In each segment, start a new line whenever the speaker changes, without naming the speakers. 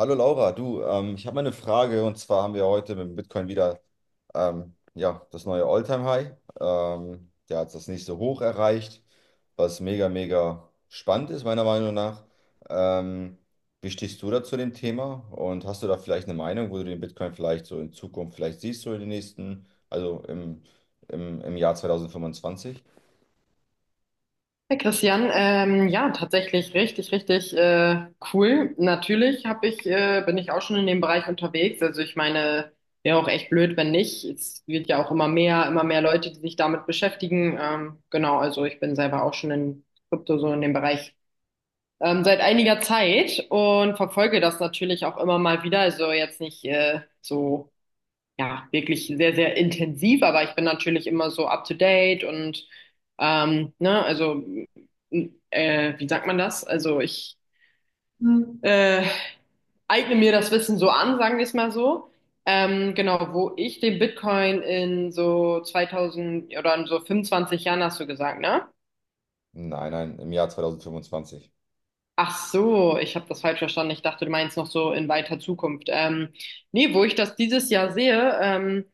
Hallo Laura, du, ich habe mal eine Frage, und zwar haben wir heute mit dem Bitcoin wieder ja, das neue All-Time-High. Der hat das nächste Hoch erreicht, was mega, mega spannend ist, meiner Meinung nach. Ähm, Wie stehst du da zu dem Thema und hast du da vielleicht eine Meinung, wo du den Bitcoin vielleicht so in Zukunft vielleicht siehst, so in den nächsten, also im Jahr 2025?
Hey Christian, ja, tatsächlich richtig, richtig cool. Natürlich bin ich auch schon in dem Bereich unterwegs. Also ich meine, wäre auch echt blöd, wenn nicht. Es wird ja auch immer mehr Leute, die sich damit beschäftigen. Genau, also ich bin selber auch schon in Krypto, so in dem Bereich seit einiger Zeit, und verfolge das natürlich auch immer mal wieder. Also jetzt nicht so, ja, wirklich sehr, sehr intensiv, aber ich bin natürlich immer so up to date. Und ne, also, wie sagt man das? Also ich Hm. äh, eigne mir das Wissen so an, sagen wir es mal so. Genau, wo ich den Bitcoin in so 2000 oder in so 25 Jahren, hast du gesagt, ne?
Nein, nein, im Jahr 2025.
Ach so, ich habe das falsch verstanden. Ich dachte, du meinst noch so in weiter Zukunft. Nee, wo ich das dieses Jahr sehe,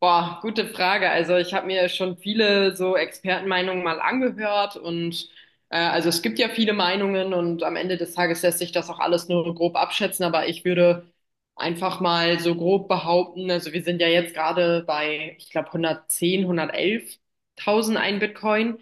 boah, gute Frage. Also ich habe mir schon viele so Expertenmeinungen mal angehört, und also es gibt ja viele Meinungen, und am Ende des Tages lässt sich das auch alles nur grob abschätzen, aber ich würde einfach mal so grob behaupten, also wir sind ja jetzt gerade bei, ich glaube, 110, 111.000 ein Bitcoin.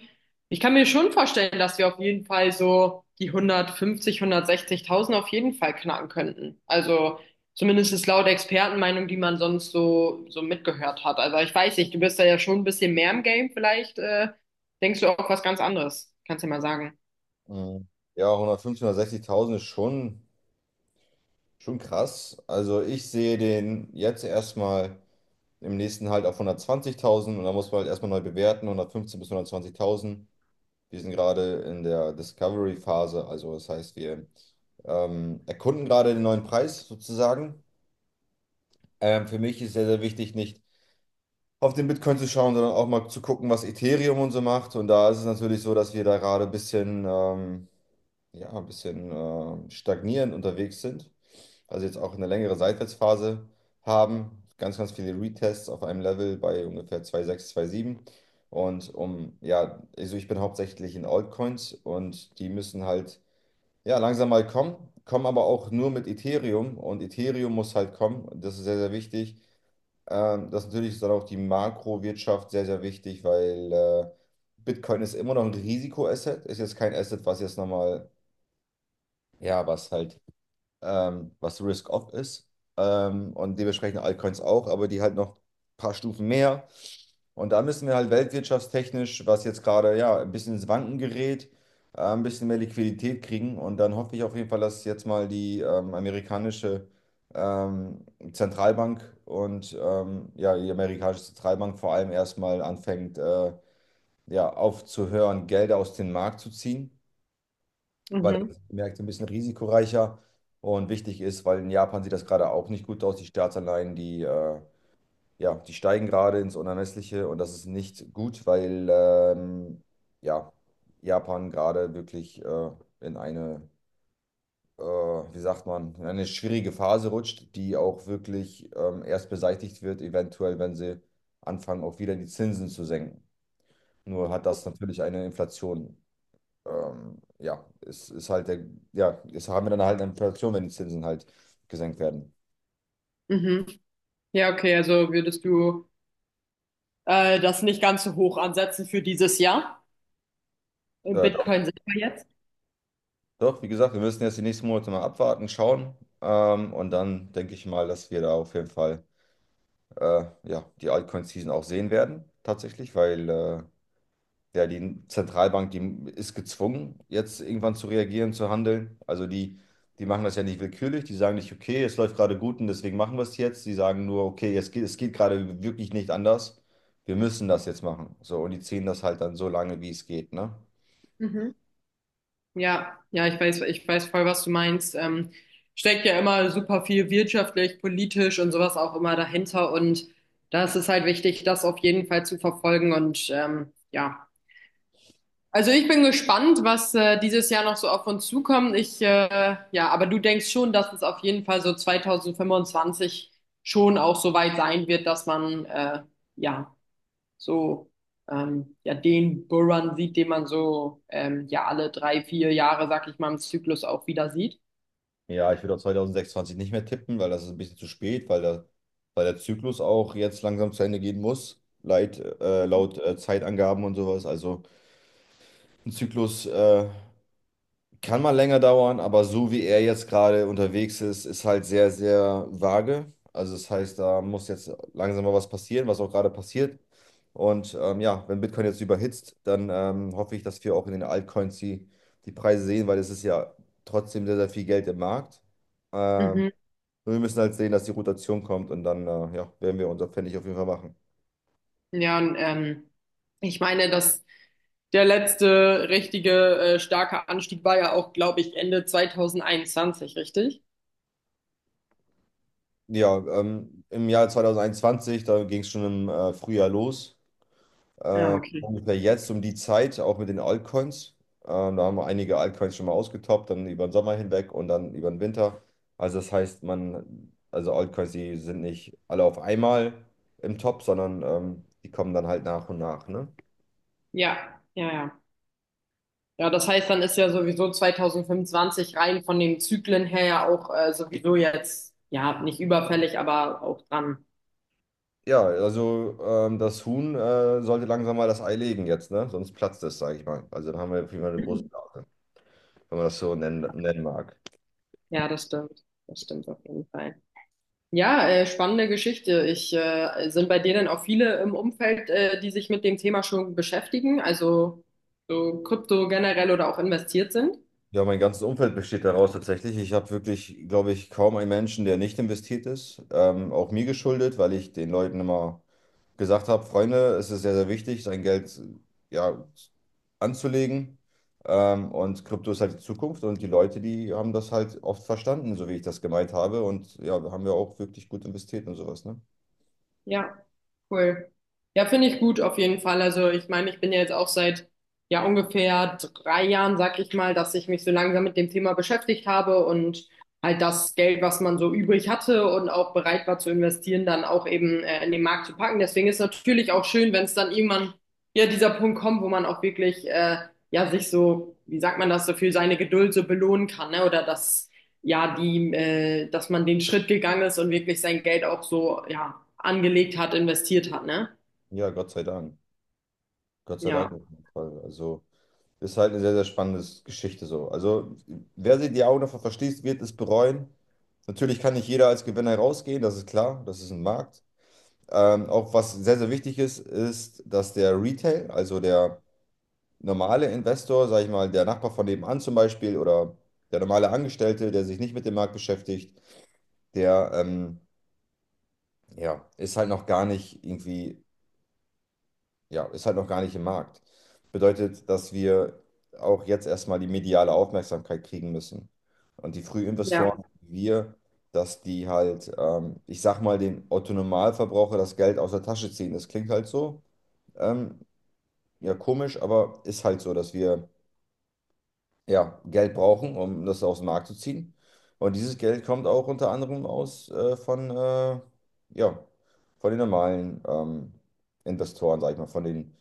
Ich kann mir schon vorstellen, dass wir auf jeden Fall so die 150, 160.000 auf jeden Fall knacken könnten. Also zumindest ist laut Expertenmeinung, die man sonst so mitgehört hat. Also ich weiß nicht, du bist da ja schon ein bisschen mehr im Game. Vielleicht denkst du auch was ganz anderes. Kannst du ja mal sagen.
Mhm. Ja, 150.000, 160.000 ist schon. Schon krass. Also ich sehe den jetzt erstmal im nächsten Halt auf 120.000, und da muss man halt erstmal neu bewerten, 115 bis 120.000. Wir sind gerade in der Discovery-Phase, also das heißt, wir erkunden gerade den neuen Preis sozusagen. Für mich ist sehr, sehr wichtig, nicht auf den Bitcoin zu schauen, sondern auch mal zu gucken, was Ethereum und so macht. Und da ist es natürlich so, dass wir da gerade ein bisschen, ja, ein bisschen stagnierend unterwegs sind, also jetzt auch eine längere Seitwärtsphase haben. Ganz, ganz viele Retests auf einem Level bei ungefähr 2,6, sieben. Und ja, also ich bin hauptsächlich in Altcoins, und die müssen halt, ja, langsam mal kommen, kommen aber auch nur mit Ethereum, und Ethereum muss halt kommen. Das ist sehr, sehr wichtig. Das natürlich ist dann auch die Makrowirtschaft sehr, sehr wichtig, weil Bitcoin ist immer noch ein Risikoasset, ist jetzt kein Asset, was jetzt nochmal, ja, was halt was Risk-Off ist. Und dementsprechend Altcoins auch, aber die halt noch ein paar Stufen mehr. Und da müssen wir halt weltwirtschaftstechnisch, was jetzt gerade ja ein bisschen ins Wanken gerät, ein bisschen mehr Liquidität kriegen. Und dann hoffe ich auf jeden Fall, dass jetzt mal die amerikanische ähm, Zentralbank und ja, die amerikanische Zentralbank vor allem erstmal anfängt, ja, aufzuhören, Gelder aus dem Markt zu ziehen, weil
Mhm.
das merkt, ein bisschen risikoreicher und wichtig ist, weil in Japan sieht das gerade auch nicht gut aus. Die Staatsanleihen, die, ja, die steigen gerade ins Unermessliche, und das ist nicht gut, weil ja, Japan gerade wirklich in eine, wie sagt man, in eine schwierige Phase rutscht, die auch wirklich erst beseitigt wird, eventuell, wenn sie anfangen, auch wieder die Zinsen zu senken. Nur hat das natürlich eine Inflation ja, es ist halt der, ja, es haben wir dann halt eine Inflation, wenn die Zinsen halt gesenkt werden.
Mhm. Ja, okay, also würdest du das nicht ganz so hoch ansetzen für dieses Jahr? Im
Doch,
Bitcoin sind wir jetzt.
doch, wie gesagt, wir müssen jetzt die nächsten Monate mal abwarten, schauen. Und dann denke ich mal, dass wir da auf jeden Fall ja, die Altcoin-Season auch sehen werden, tatsächlich, weil ja, die Zentralbank, die ist gezwungen, jetzt irgendwann zu reagieren, zu handeln. Also die machen das ja nicht willkürlich, die sagen nicht, okay, es läuft gerade gut und deswegen machen wir es jetzt. Die sagen nur, okay, es geht gerade wirklich nicht anders. Wir müssen das jetzt machen. So, und die ziehen das halt dann so lange, wie es geht, ne?
Mhm. Ja, ja, ich weiß voll, was du meinst. Steckt ja immer super viel wirtschaftlich, politisch und sowas auch immer dahinter. Und das ist halt wichtig, das auf jeden Fall zu verfolgen. Und ja, also ich bin gespannt, was dieses Jahr noch so auf uns zukommt. Ja, aber du denkst schon, dass es auf jeden Fall so 2025 schon auch so weit sein wird, dass man ja so ja, den Bullrun sieht, den man so ja alle 3, 4 Jahre, sag ich mal, im Zyklus auch wieder sieht.
Ja, ich würde auf 2026 nicht mehr tippen, weil das ist ein bisschen zu spät, weil der Zyklus auch jetzt langsam zu Ende gehen muss, laut Zeitangaben und sowas. Also ein Zyklus kann mal länger dauern, aber so wie er jetzt gerade unterwegs ist, ist halt sehr, sehr vage. Also das heißt, da muss jetzt langsam mal was passieren, was auch gerade passiert. Und ja, wenn Bitcoin jetzt überhitzt, dann hoffe ich, dass wir auch in den Altcoins die Preise sehen, weil es ist ja trotzdem sehr, sehr viel Geld im Markt. Ähm,
Mhm.
und wir müssen halt sehen, dass die Rotation kommt und dann ja, werden wir unser Pfennig auf jeden Fall machen.
Ja, und ich meine, dass der letzte richtige starke Anstieg war ja auch, glaube ich, Ende 2021, richtig?
Ja, im Jahr 2021, da ging es schon im Frühjahr los.
Ja, okay.
Ungefähr jetzt um die Zeit, auch mit den Altcoins. Da haben wir einige Altcoins schon mal ausgetoppt, dann über den Sommer hinweg und dann über den Winter. Also das heißt, man, also Altcoins, die sind nicht alle auf einmal im Top, sondern die kommen dann halt nach und nach, ne?
Ja, ja, ja. Ja, das heißt, dann ist ja sowieso 2025 rein von den Zyklen her ja auch sowieso jetzt, ja, nicht überfällig, aber auch dran.
Ja, also das Huhn sollte langsam mal das Ei legen jetzt, ne? Sonst platzt es, sage ich mal. Also dann haben wir auf jeden Fall eine große Blase, wenn man das so nennen mag.
Ja, das stimmt. Das stimmt auf jeden Fall. Ja, spannende Geschichte. Sind bei dir denn auch viele im Umfeld, die sich mit dem Thema schon beschäftigen, also so Krypto generell oder auch investiert sind?
Ja, mein ganzes Umfeld besteht daraus tatsächlich. Ich habe wirklich, glaube ich, kaum einen Menschen, der nicht investiert ist. Auch mir geschuldet, weil ich den Leuten immer gesagt habe: Freunde, es ist sehr, sehr wichtig, sein Geld ja, anzulegen. Und Krypto ist halt die Zukunft, und die Leute, die haben das halt oft verstanden, so wie ich das gemeint habe. Und ja, haben wir auch wirklich gut investiert und sowas, ne?
Ja, cool. Ja, finde ich gut auf jeden Fall. Also ich meine, ich bin ja jetzt auch seit ja ungefähr 3 Jahren, sag ich mal, dass ich mich so langsam mit dem Thema beschäftigt habe, und halt das Geld, was man so übrig hatte und auch bereit war zu investieren, dann auch eben in den Markt zu packen. Deswegen ist natürlich auch schön, wenn es dann irgendwann ja dieser Punkt kommt, wo man auch wirklich ja sich so, wie sagt man das, so für seine Geduld so belohnen kann, ne? Oder dass man den Schritt gegangen ist und wirklich sein Geld auch so, ja, angelegt hat, investiert hat, ne?
Ja, Gott sei Dank. Gott sei
Ja,
Dank auf jeden Fall. Also. Ist halt eine sehr, sehr spannende Geschichte so. Also, wer sich die Augen davor verschließt, wird es bereuen. Natürlich kann nicht jeder als Gewinner rausgehen, das ist klar, das ist ein Markt. Auch was sehr, sehr wichtig ist, ist, dass der Retail, also der normale Investor, sag ich mal, der Nachbar von nebenan zum Beispiel oder der normale Angestellte, der sich nicht mit dem Markt beschäftigt, der ja, ist halt noch gar nicht irgendwie, ja, ist halt noch gar nicht im Markt. Bedeutet, dass wir auch jetzt erstmal die mediale Aufmerksamkeit kriegen müssen. Und die
ja,
Frühinvestoren, wie wir, dass die halt, ich sag mal, den Otto-Normalverbraucher das Geld aus der Tasche ziehen. Das klingt halt so, ähm, ja, komisch, aber ist halt so, dass wir, ja, Geld brauchen, um das aus dem Markt zu ziehen. Und dieses Geld kommt auch unter anderem aus von, ja, von den normalen Investoren, sag ich mal, von den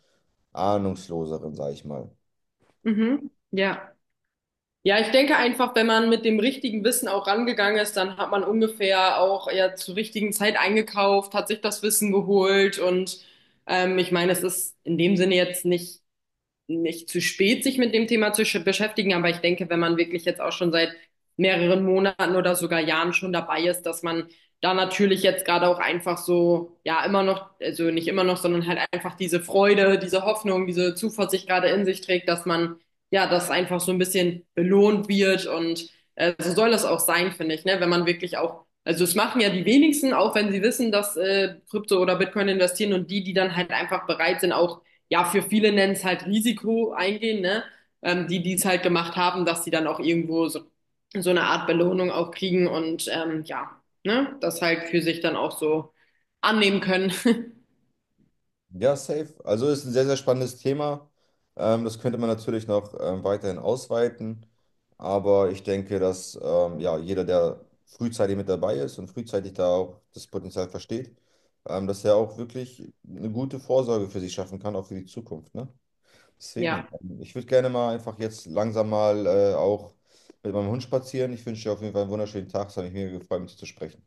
ahnungsloseren, sage ich mal.
mhm, ja. Ja, ich denke einfach, wenn man mit dem richtigen Wissen auch rangegangen ist, dann hat man ungefähr auch ja zur richtigen Zeit eingekauft, hat sich das Wissen geholt, und ich meine, es ist in dem Sinne jetzt nicht zu spät, sich mit dem Thema zu beschäftigen, aber ich denke, wenn man wirklich jetzt auch schon seit mehreren Monaten oder sogar Jahren schon dabei ist, dass man da natürlich jetzt gerade auch einfach so, ja, immer noch, also nicht immer noch, sondern halt einfach diese Freude, diese Hoffnung, diese Zuversicht gerade in sich trägt, dass man, ja, das einfach so ein bisschen belohnt wird, und so soll das auch sein, finde ich, ne, wenn man wirklich auch. Also es machen ja die wenigsten, auch wenn sie wissen, dass Krypto oder Bitcoin investieren, und die, die dann halt einfach bereit sind, auch ja, für viele nennen es halt Risiko eingehen, ne? Die, die es halt gemacht haben, dass sie dann auch irgendwo so, eine Art Belohnung auch kriegen, und ja, ne? Das halt für sich dann auch so annehmen können.
Ja, safe. Also ist ein sehr, sehr spannendes Thema. Das könnte man natürlich noch weiterhin ausweiten. Aber ich denke, dass ja, jeder, der frühzeitig mit dabei ist und frühzeitig da auch das Potenzial versteht, dass er auch wirklich eine gute Vorsorge für sich schaffen kann, auch für die Zukunft. Ne?
Ja.
Deswegen, ich würde gerne mal einfach jetzt langsam mal auch mit meinem Hund spazieren. Ich wünsche dir auf jeden Fall einen wunderschönen Tag. Es hat mich mega gefreut, mit dir zu sprechen.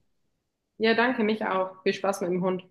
Ja, danke, mich auch. Viel Spaß mit dem Hund.